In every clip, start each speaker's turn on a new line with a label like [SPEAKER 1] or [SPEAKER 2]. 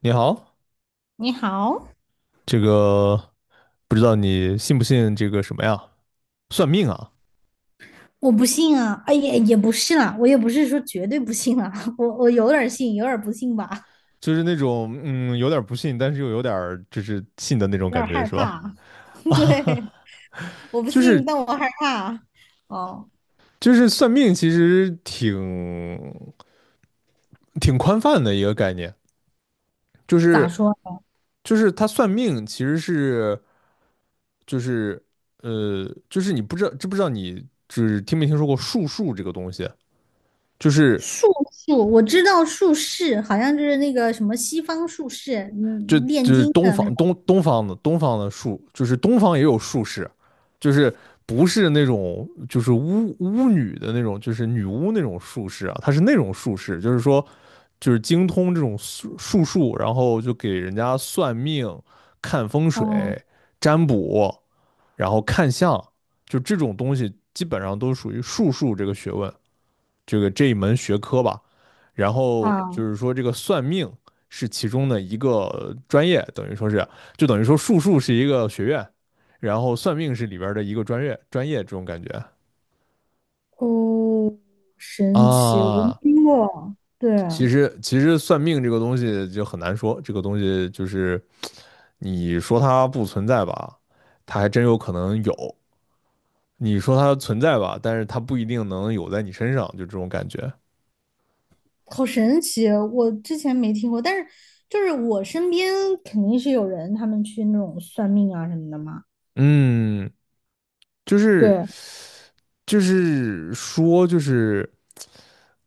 [SPEAKER 1] 你好，
[SPEAKER 2] 你好，
[SPEAKER 1] 这个不知道你信不信这个什么呀？算命啊，
[SPEAKER 2] 我不信啊，哎也不是啦，我也不是说绝对不信啊，我有点儿信，有点儿不信吧，
[SPEAKER 1] 就是那种有点儿不信，但是又有点儿就是信的那种
[SPEAKER 2] 有点
[SPEAKER 1] 感
[SPEAKER 2] 儿
[SPEAKER 1] 觉，
[SPEAKER 2] 害
[SPEAKER 1] 是吧？
[SPEAKER 2] 怕。
[SPEAKER 1] 啊，
[SPEAKER 2] 对，我不
[SPEAKER 1] 就
[SPEAKER 2] 信，
[SPEAKER 1] 是
[SPEAKER 2] 但我害怕。哦，
[SPEAKER 1] 就是算命其实挺宽泛的一个概念，就
[SPEAKER 2] 咋
[SPEAKER 1] 是
[SPEAKER 2] 说？
[SPEAKER 1] 就是他算命其实是就是就是你不知道知不知道你就是听没听说过术数这个东西，就是
[SPEAKER 2] 术数，我知道术士，好像就是那个什么西方术士，
[SPEAKER 1] 就
[SPEAKER 2] 嗯，炼
[SPEAKER 1] 就是
[SPEAKER 2] 金
[SPEAKER 1] 东
[SPEAKER 2] 的那个。
[SPEAKER 1] 方东方的术，就是东方也有术士，就是不是那种就是巫女的那种，就是女巫那种术士啊，她是那种术士，就是说就是精通这种术数，然后就给人家算命、看风
[SPEAKER 2] 哦
[SPEAKER 1] 水、占卜，然后看相，就这种东西基本上都属于术数这个学问。这个这一门学科吧。然后就
[SPEAKER 2] 啊，
[SPEAKER 1] 是说，这个算命是其中的一个专业，等于说是，就等于说术数是一个学院，然后算命是里边的一个专业，专业这种感觉
[SPEAKER 2] 哦，神奇，我没
[SPEAKER 1] 啊。
[SPEAKER 2] 听过。对
[SPEAKER 1] 其
[SPEAKER 2] 啊，
[SPEAKER 1] 实，其实算命这个东西就很难说，这个东西就是你说它不存在吧，它还真有可能有；你说它存在吧，但是它不一定能有在你身上，就这种感觉。
[SPEAKER 2] 好神奇啊，我之前没听过，但是就是我身边肯定是有人他们去那种算命啊什么的嘛。
[SPEAKER 1] 嗯，就是
[SPEAKER 2] 对，
[SPEAKER 1] 就是说。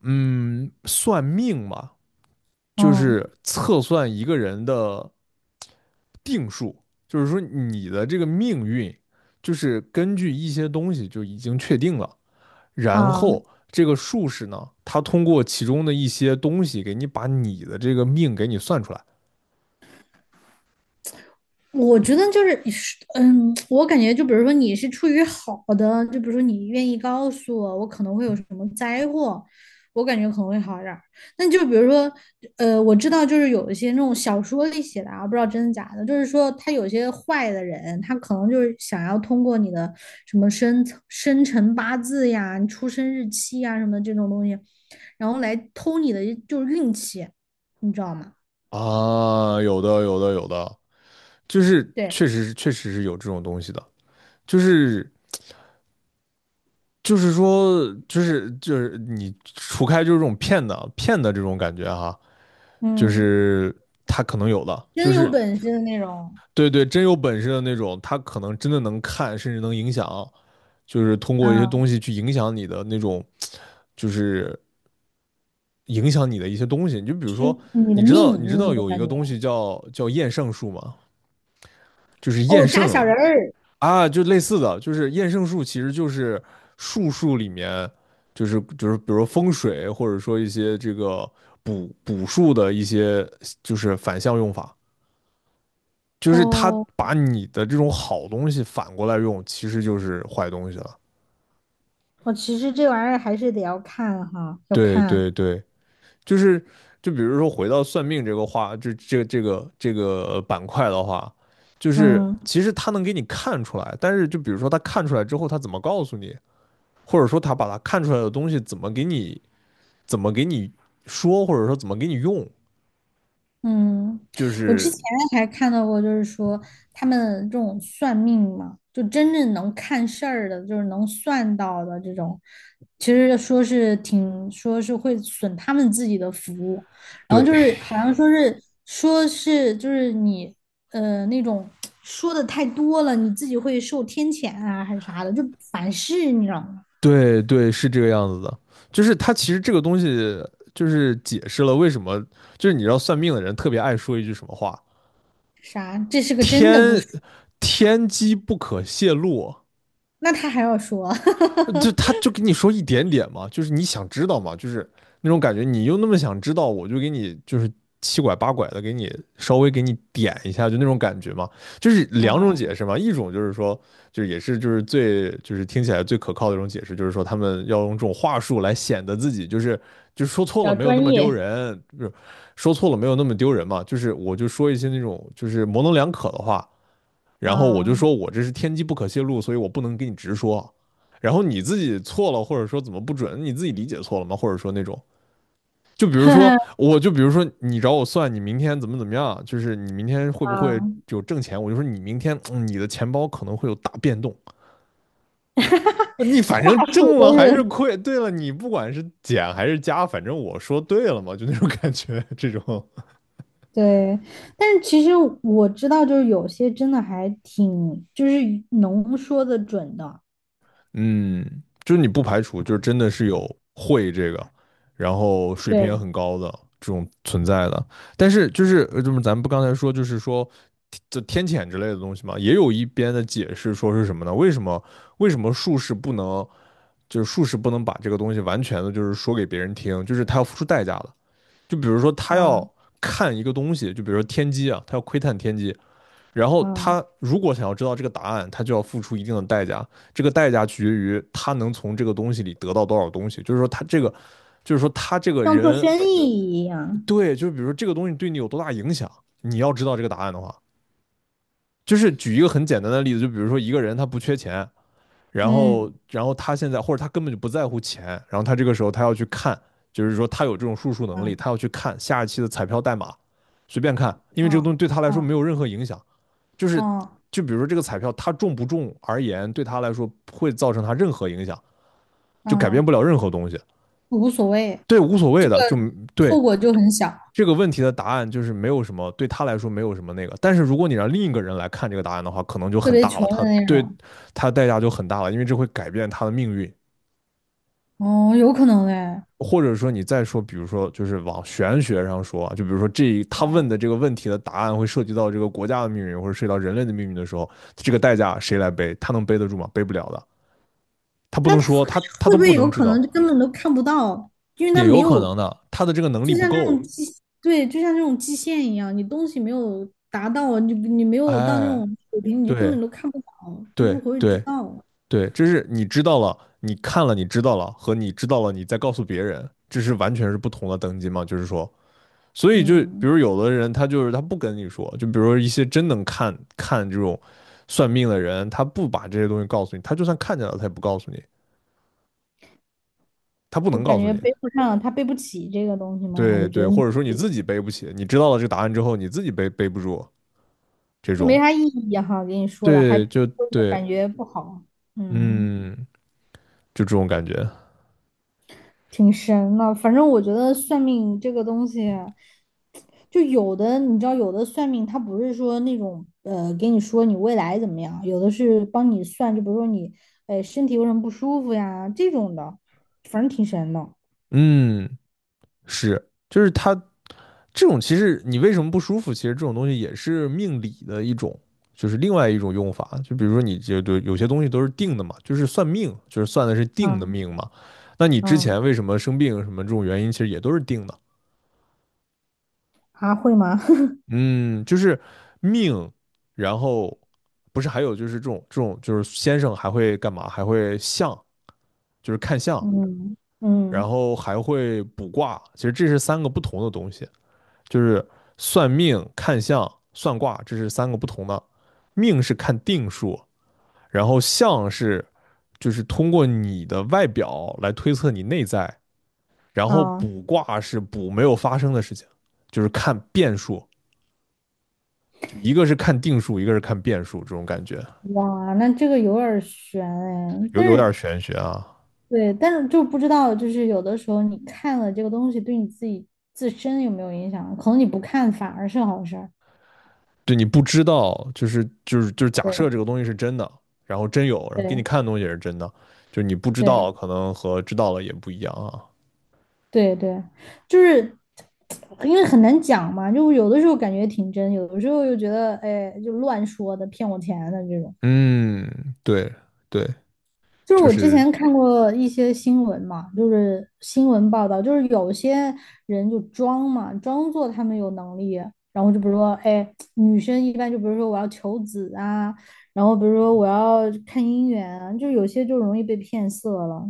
[SPEAKER 1] 嗯，算命嘛，就
[SPEAKER 2] 嗯
[SPEAKER 1] 是测算一个人的定数，就是说你的这个命运，就是根据一些东西就已经确定了，然
[SPEAKER 2] 啊，
[SPEAKER 1] 后这个术士呢，他通过其中的一些东西给你把你的这个命给你算出来
[SPEAKER 2] 我觉得就是，嗯，我感觉就比如说你是出于好的，就比如说你愿意告诉我，我可能会有什么灾祸，我感觉可能会好一点儿。那就比如说，我知道就是有一些那种小说里写的啊，不知道真的假的，就是说他有些坏的人，他可能就是想要通过你的什么生辰八字呀、你出生日期呀什么的这种东西，然后来偷你的就是运气，你知道吗？
[SPEAKER 1] 啊，有的有的有的，就是
[SPEAKER 2] 对，
[SPEAKER 1] 确实是有这种东西的，就是就是说你除开就是这种骗的这种感觉哈。就
[SPEAKER 2] 嗯，
[SPEAKER 1] 是他可能有的，就
[SPEAKER 2] 真有
[SPEAKER 1] 是
[SPEAKER 2] 本事的那种。
[SPEAKER 1] 对对，真有本事的那种，他可能真的能看，甚至能影响，就是通过一些
[SPEAKER 2] 嗯，
[SPEAKER 1] 东西去影响你的那种，就是影响你的一些东西。你就比如
[SPEAKER 2] 是
[SPEAKER 1] 说，
[SPEAKER 2] 你的
[SPEAKER 1] 你知道你
[SPEAKER 2] 命
[SPEAKER 1] 知
[SPEAKER 2] 那
[SPEAKER 1] 道
[SPEAKER 2] 种
[SPEAKER 1] 有一
[SPEAKER 2] 感
[SPEAKER 1] 个东
[SPEAKER 2] 觉。
[SPEAKER 1] 西叫厌胜术吗？就是
[SPEAKER 2] 哦，
[SPEAKER 1] 厌
[SPEAKER 2] 扎小
[SPEAKER 1] 胜
[SPEAKER 2] 人儿，
[SPEAKER 1] 啊，就类似的，就是厌胜术其实就是术数里面，就是就是比如说风水，或者说一些这个。补数的一些就是反向用法，就是他
[SPEAKER 2] 哦，
[SPEAKER 1] 把你的这种好东西反过来用，其实就是坏东西了。
[SPEAKER 2] 我其实这玩意儿还是得要看哈，要
[SPEAKER 1] 对
[SPEAKER 2] 看。
[SPEAKER 1] 对对，就是就比如说回到算命这个话，这个板块的话，就是
[SPEAKER 2] 嗯。
[SPEAKER 1] 其实他能给你看出来，但是就比如说他看出来之后，他怎么告诉你，或者说他把他看出来的东西怎么给你说，或者说怎么给你用，
[SPEAKER 2] 嗯，
[SPEAKER 1] 就
[SPEAKER 2] 我之
[SPEAKER 1] 是
[SPEAKER 2] 前还看到过，就是说他们这种算命嘛，就真正能看事儿的，就是能算到的这种，其实说是挺说是会损他们自己的福，然后就
[SPEAKER 1] 对
[SPEAKER 2] 是好像说是说是就是你那种说的太多了，你自己会受天谴啊还是啥的，就反噬，你知道吗？
[SPEAKER 1] 对对，是这个样子的。就是它其实这个东西，就是解释了为什么，就是你知道算命的人特别爱说一句什么话：
[SPEAKER 2] 啥？这是个真的故
[SPEAKER 1] 天
[SPEAKER 2] 事，
[SPEAKER 1] 天机不可泄露。
[SPEAKER 2] 那他还要说，啊，
[SPEAKER 1] 就他就跟你说一点点嘛，就是你想知道嘛，就是那种感觉，你又那么想知道，我就给你就是七拐八拐的给你稍微给你点一下，就那种感觉嘛，就是两种解释嘛，一种就是说，就是也是就是最就是听起来最可靠的一种解释，就是说他们要用这种话术来显得自己就是就是说错
[SPEAKER 2] 比
[SPEAKER 1] 了
[SPEAKER 2] 较
[SPEAKER 1] 没有那
[SPEAKER 2] 专
[SPEAKER 1] 么丢
[SPEAKER 2] 业。
[SPEAKER 1] 人，就是说错了没有那么丢人嘛，就是我就说一些那种就是模棱两可的话。然后我就
[SPEAKER 2] 啊。
[SPEAKER 1] 说我这是天机不可泄露，所以我不能给你直说。然后你自己错了，或者说怎么不准，你自己理解错了吗？或者说那种，就比如说，我就比如说你找我算你明天怎么怎么样，就是你明天会不会
[SPEAKER 2] 啊，
[SPEAKER 1] 有挣钱？我就说你明天、你的钱包可能会有大变动。你 反
[SPEAKER 2] 话
[SPEAKER 1] 正
[SPEAKER 2] 术
[SPEAKER 1] 挣了
[SPEAKER 2] 都
[SPEAKER 1] 还是
[SPEAKER 2] 是
[SPEAKER 1] 亏，对了，你不管是减还是加，反正我说对了嘛，就那种感觉，这种
[SPEAKER 2] 对，但是其实我知道，就是有些真的还挺，就是能说的准的，
[SPEAKER 1] 嗯，就是你不排除，就是真的是有会这个，然后水平也
[SPEAKER 2] 对，
[SPEAKER 1] 很高的这种存在的。但是就是就是咱们不刚才说，就是说这天谴之类的东西嘛，也有一边的解释说是什么呢？为什么术士不能，就是术士不能把这个东西完全的，就是说给别人听，就是他要付出代价的。就比如说他要
[SPEAKER 2] 啊
[SPEAKER 1] 看一个东西，就比如说天机啊，他要窥探天机，然后他
[SPEAKER 2] 啊
[SPEAKER 1] 如果想要知道这个答案，他就要付出一定的代价。这个代价取决于他能从这个东西里得到多少东西。就是说，他这个，就是说他这个
[SPEAKER 2] 像做
[SPEAKER 1] 人，
[SPEAKER 2] 生意一样。
[SPEAKER 1] 对，就是比如说这个东西对你有多大影响，你要知道这个答案的话，就是举一个很简单的例子，就比如说一个人他不缺钱，然后
[SPEAKER 2] 嗯
[SPEAKER 1] 然后他现在或者他根本就不在乎钱，然后他这个时候他要去看，就是说他有这种数数能力，
[SPEAKER 2] 嗯
[SPEAKER 1] 他要去看下一期的彩票代码，随便看，因为这个
[SPEAKER 2] 啊
[SPEAKER 1] 东西对他来说
[SPEAKER 2] 啊
[SPEAKER 1] 没有任何影响。就是
[SPEAKER 2] 啊
[SPEAKER 1] 就比如说这个彩票它中不中而言，对他来说不会造成他任何影响，就改变不
[SPEAKER 2] 啊，
[SPEAKER 1] 了任何东西。
[SPEAKER 2] 无所谓，
[SPEAKER 1] 对，无所谓的，就对
[SPEAKER 2] 后果就很小，
[SPEAKER 1] 这个问题的答案就是没有什么，对他来说没有什么那个。但是如果你让另一个人来看这个答案的话，可能就
[SPEAKER 2] 特
[SPEAKER 1] 很
[SPEAKER 2] 别
[SPEAKER 1] 大
[SPEAKER 2] 穷
[SPEAKER 1] 了，
[SPEAKER 2] 的
[SPEAKER 1] 他
[SPEAKER 2] 那
[SPEAKER 1] 对
[SPEAKER 2] 种。
[SPEAKER 1] 他代价就很大了，因为这会改变他的命运。
[SPEAKER 2] 哦，有可能哎，
[SPEAKER 1] 或者说你再说，比如说就是往玄学上说啊，就比如说这他问的这个问题的答案会涉及到这个国家的命运，或者涉及到人类的命运的时候，这个代价谁来背？他能背得住吗？背不了的。他不
[SPEAKER 2] 那
[SPEAKER 1] 能
[SPEAKER 2] 他
[SPEAKER 1] 说，他他
[SPEAKER 2] 会
[SPEAKER 1] 都
[SPEAKER 2] 不
[SPEAKER 1] 不
[SPEAKER 2] 会有
[SPEAKER 1] 能知
[SPEAKER 2] 可
[SPEAKER 1] 道，
[SPEAKER 2] 能就根本都看不到，因为他
[SPEAKER 1] 也
[SPEAKER 2] 没
[SPEAKER 1] 有可
[SPEAKER 2] 有
[SPEAKER 1] 能的，他的这个能力
[SPEAKER 2] 就
[SPEAKER 1] 不
[SPEAKER 2] 像那
[SPEAKER 1] 够。
[SPEAKER 2] 种基，对，就像那种基线一样，你东西没有达到，你没有到那
[SPEAKER 1] 哎，
[SPEAKER 2] 种水平，你就根
[SPEAKER 1] 对
[SPEAKER 2] 本都看不到，都
[SPEAKER 1] 对
[SPEAKER 2] 不会知
[SPEAKER 1] 对
[SPEAKER 2] 道。
[SPEAKER 1] 对，这是你知道了，你看了，你知道了，和你知道了，你再告诉别人，这是完全是不同的等级嘛？就是说，所以就比
[SPEAKER 2] 嗯，
[SPEAKER 1] 如有的人他就是他不跟你说，就比如说一些真能看这种算命的人，他不把这些东西告诉你，他就算看见了，他也不告诉你，他不
[SPEAKER 2] 就
[SPEAKER 1] 能
[SPEAKER 2] 感
[SPEAKER 1] 告诉
[SPEAKER 2] 觉
[SPEAKER 1] 你。
[SPEAKER 2] 背不上，他背不起这个东西吗？还
[SPEAKER 1] 对
[SPEAKER 2] 是觉
[SPEAKER 1] 对，
[SPEAKER 2] 得
[SPEAKER 1] 或
[SPEAKER 2] 你
[SPEAKER 1] 者说你自己背不起，你知道了这个答案之后，你自己背不住这
[SPEAKER 2] 这没
[SPEAKER 1] 种。
[SPEAKER 2] 啥意义哈？给你说了，还
[SPEAKER 1] 对，就对，
[SPEAKER 2] 感觉不好。嗯。
[SPEAKER 1] 嗯，就这种感觉，
[SPEAKER 2] 挺神的。反正我觉得算命这个东西，就有的你知道，有的算命它不是说那种给你说你未来怎么样，有的是帮你算，就比如说你身体有什么不舒服呀这种的，反正挺神的。
[SPEAKER 1] 嗯，是，就是他，这种其实你为什么不舒服？其实这种东西也是命理的一种，就是另外一种用法。就比如说你这对有些东西都是定的嘛，就是算命，就是算的是定的
[SPEAKER 2] 嗯
[SPEAKER 1] 命嘛。那你之
[SPEAKER 2] 嗯，
[SPEAKER 1] 前为什么生病什么这种原因，其实也都是定的。
[SPEAKER 2] 啊会吗？
[SPEAKER 1] 嗯，就是命，然后不是还有就是这种就是先生还会干嘛？还会相，就是看相。
[SPEAKER 2] 嗯
[SPEAKER 1] 然
[SPEAKER 2] 嗯
[SPEAKER 1] 后还会卜卦，其实这是三个不同的东西，就是算命、看相、算卦，这是三个不同的。命是看定数，然后相是就是通过你的外表来推测你内在，然后
[SPEAKER 2] 啊
[SPEAKER 1] 卜卦是卜没有发生的事情，就是看变数，就一个是看定数，一个是看变数，这种感觉
[SPEAKER 2] 哇，那这个有点儿悬哎，
[SPEAKER 1] 有
[SPEAKER 2] 但是
[SPEAKER 1] 玄学啊。
[SPEAKER 2] 对，但是就不知道，就是有的时候你看了这个东西，对你自己自身有没有影响？可能你不看反而是好事儿。
[SPEAKER 1] 对你不知道，就是假设这
[SPEAKER 2] 对
[SPEAKER 1] 个东西是真的，然后真有，然后给你
[SPEAKER 2] 对
[SPEAKER 1] 看的东西也是真的，就是你不知道，
[SPEAKER 2] 对
[SPEAKER 1] 可能和知道了也不一样啊。
[SPEAKER 2] 对对，就是因为很难讲嘛，就有的时候感觉挺真，有的时候又觉得哎，就乱说的，骗我钱的这种。
[SPEAKER 1] 嗯，对对，
[SPEAKER 2] 就是
[SPEAKER 1] 就
[SPEAKER 2] 我之
[SPEAKER 1] 是
[SPEAKER 2] 前看过一些新闻嘛，就是新闻报道，就是有些人就装嘛，装作他们有能力，然后就比如说，哎，女生一般就比如说我要求子啊，然后比如说我要看姻缘啊，就有些就容易被骗色了。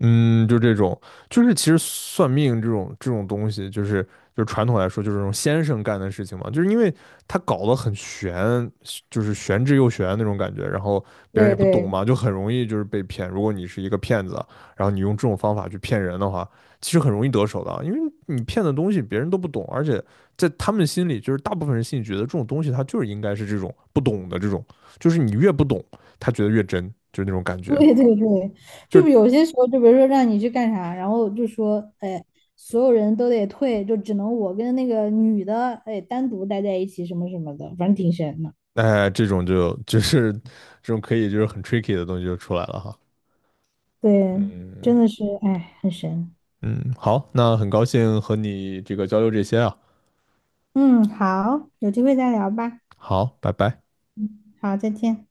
[SPEAKER 1] 嗯，就这种，就是其实算命这种东西，就是传统来说，就是这种先生干的事情嘛，就是因为他搞得很玄，就是玄之又玄那种感觉，然后别人
[SPEAKER 2] 对
[SPEAKER 1] 也不懂
[SPEAKER 2] 对
[SPEAKER 1] 嘛，就很容易就是被骗。如果你是一个骗子，然后你用这种方法去骗人的话，其实很容易得手的啊因为你骗的东西别人都不懂，而且在他们心里，就是大部分人心里觉得这种东西他就是应该是这种不懂的这种，就是你越不懂，他觉得越真，就是那种感 觉。
[SPEAKER 2] 对对对，
[SPEAKER 1] 就
[SPEAKER 2] 就
[SPEAKER 1] 是
[SPEAKER 2] 是有些时候，就比如说让你去干啥，然后就说，哎，所有人都得退，就只能我跟那个女的，哎，单独待在一起，什么什么的，反正挺神的。
[SPEAKER 1] 哎，这种就是这种可以就是很 tricky 的东西就出来了哈。
[SPEAKER 2] 对，
[SPEAKER 1] 嗯
[SPEAKER 2] 真的是，哎，很神。
[SPEAKER 1] 嗯，好，那很高兴和你这个交流这些啊。
[SPEAKER 2] 嗯，好，有机会再聊吧。
[SPEAKER 1] 好，拜拜。
[SPEAKER 2] 好，再见。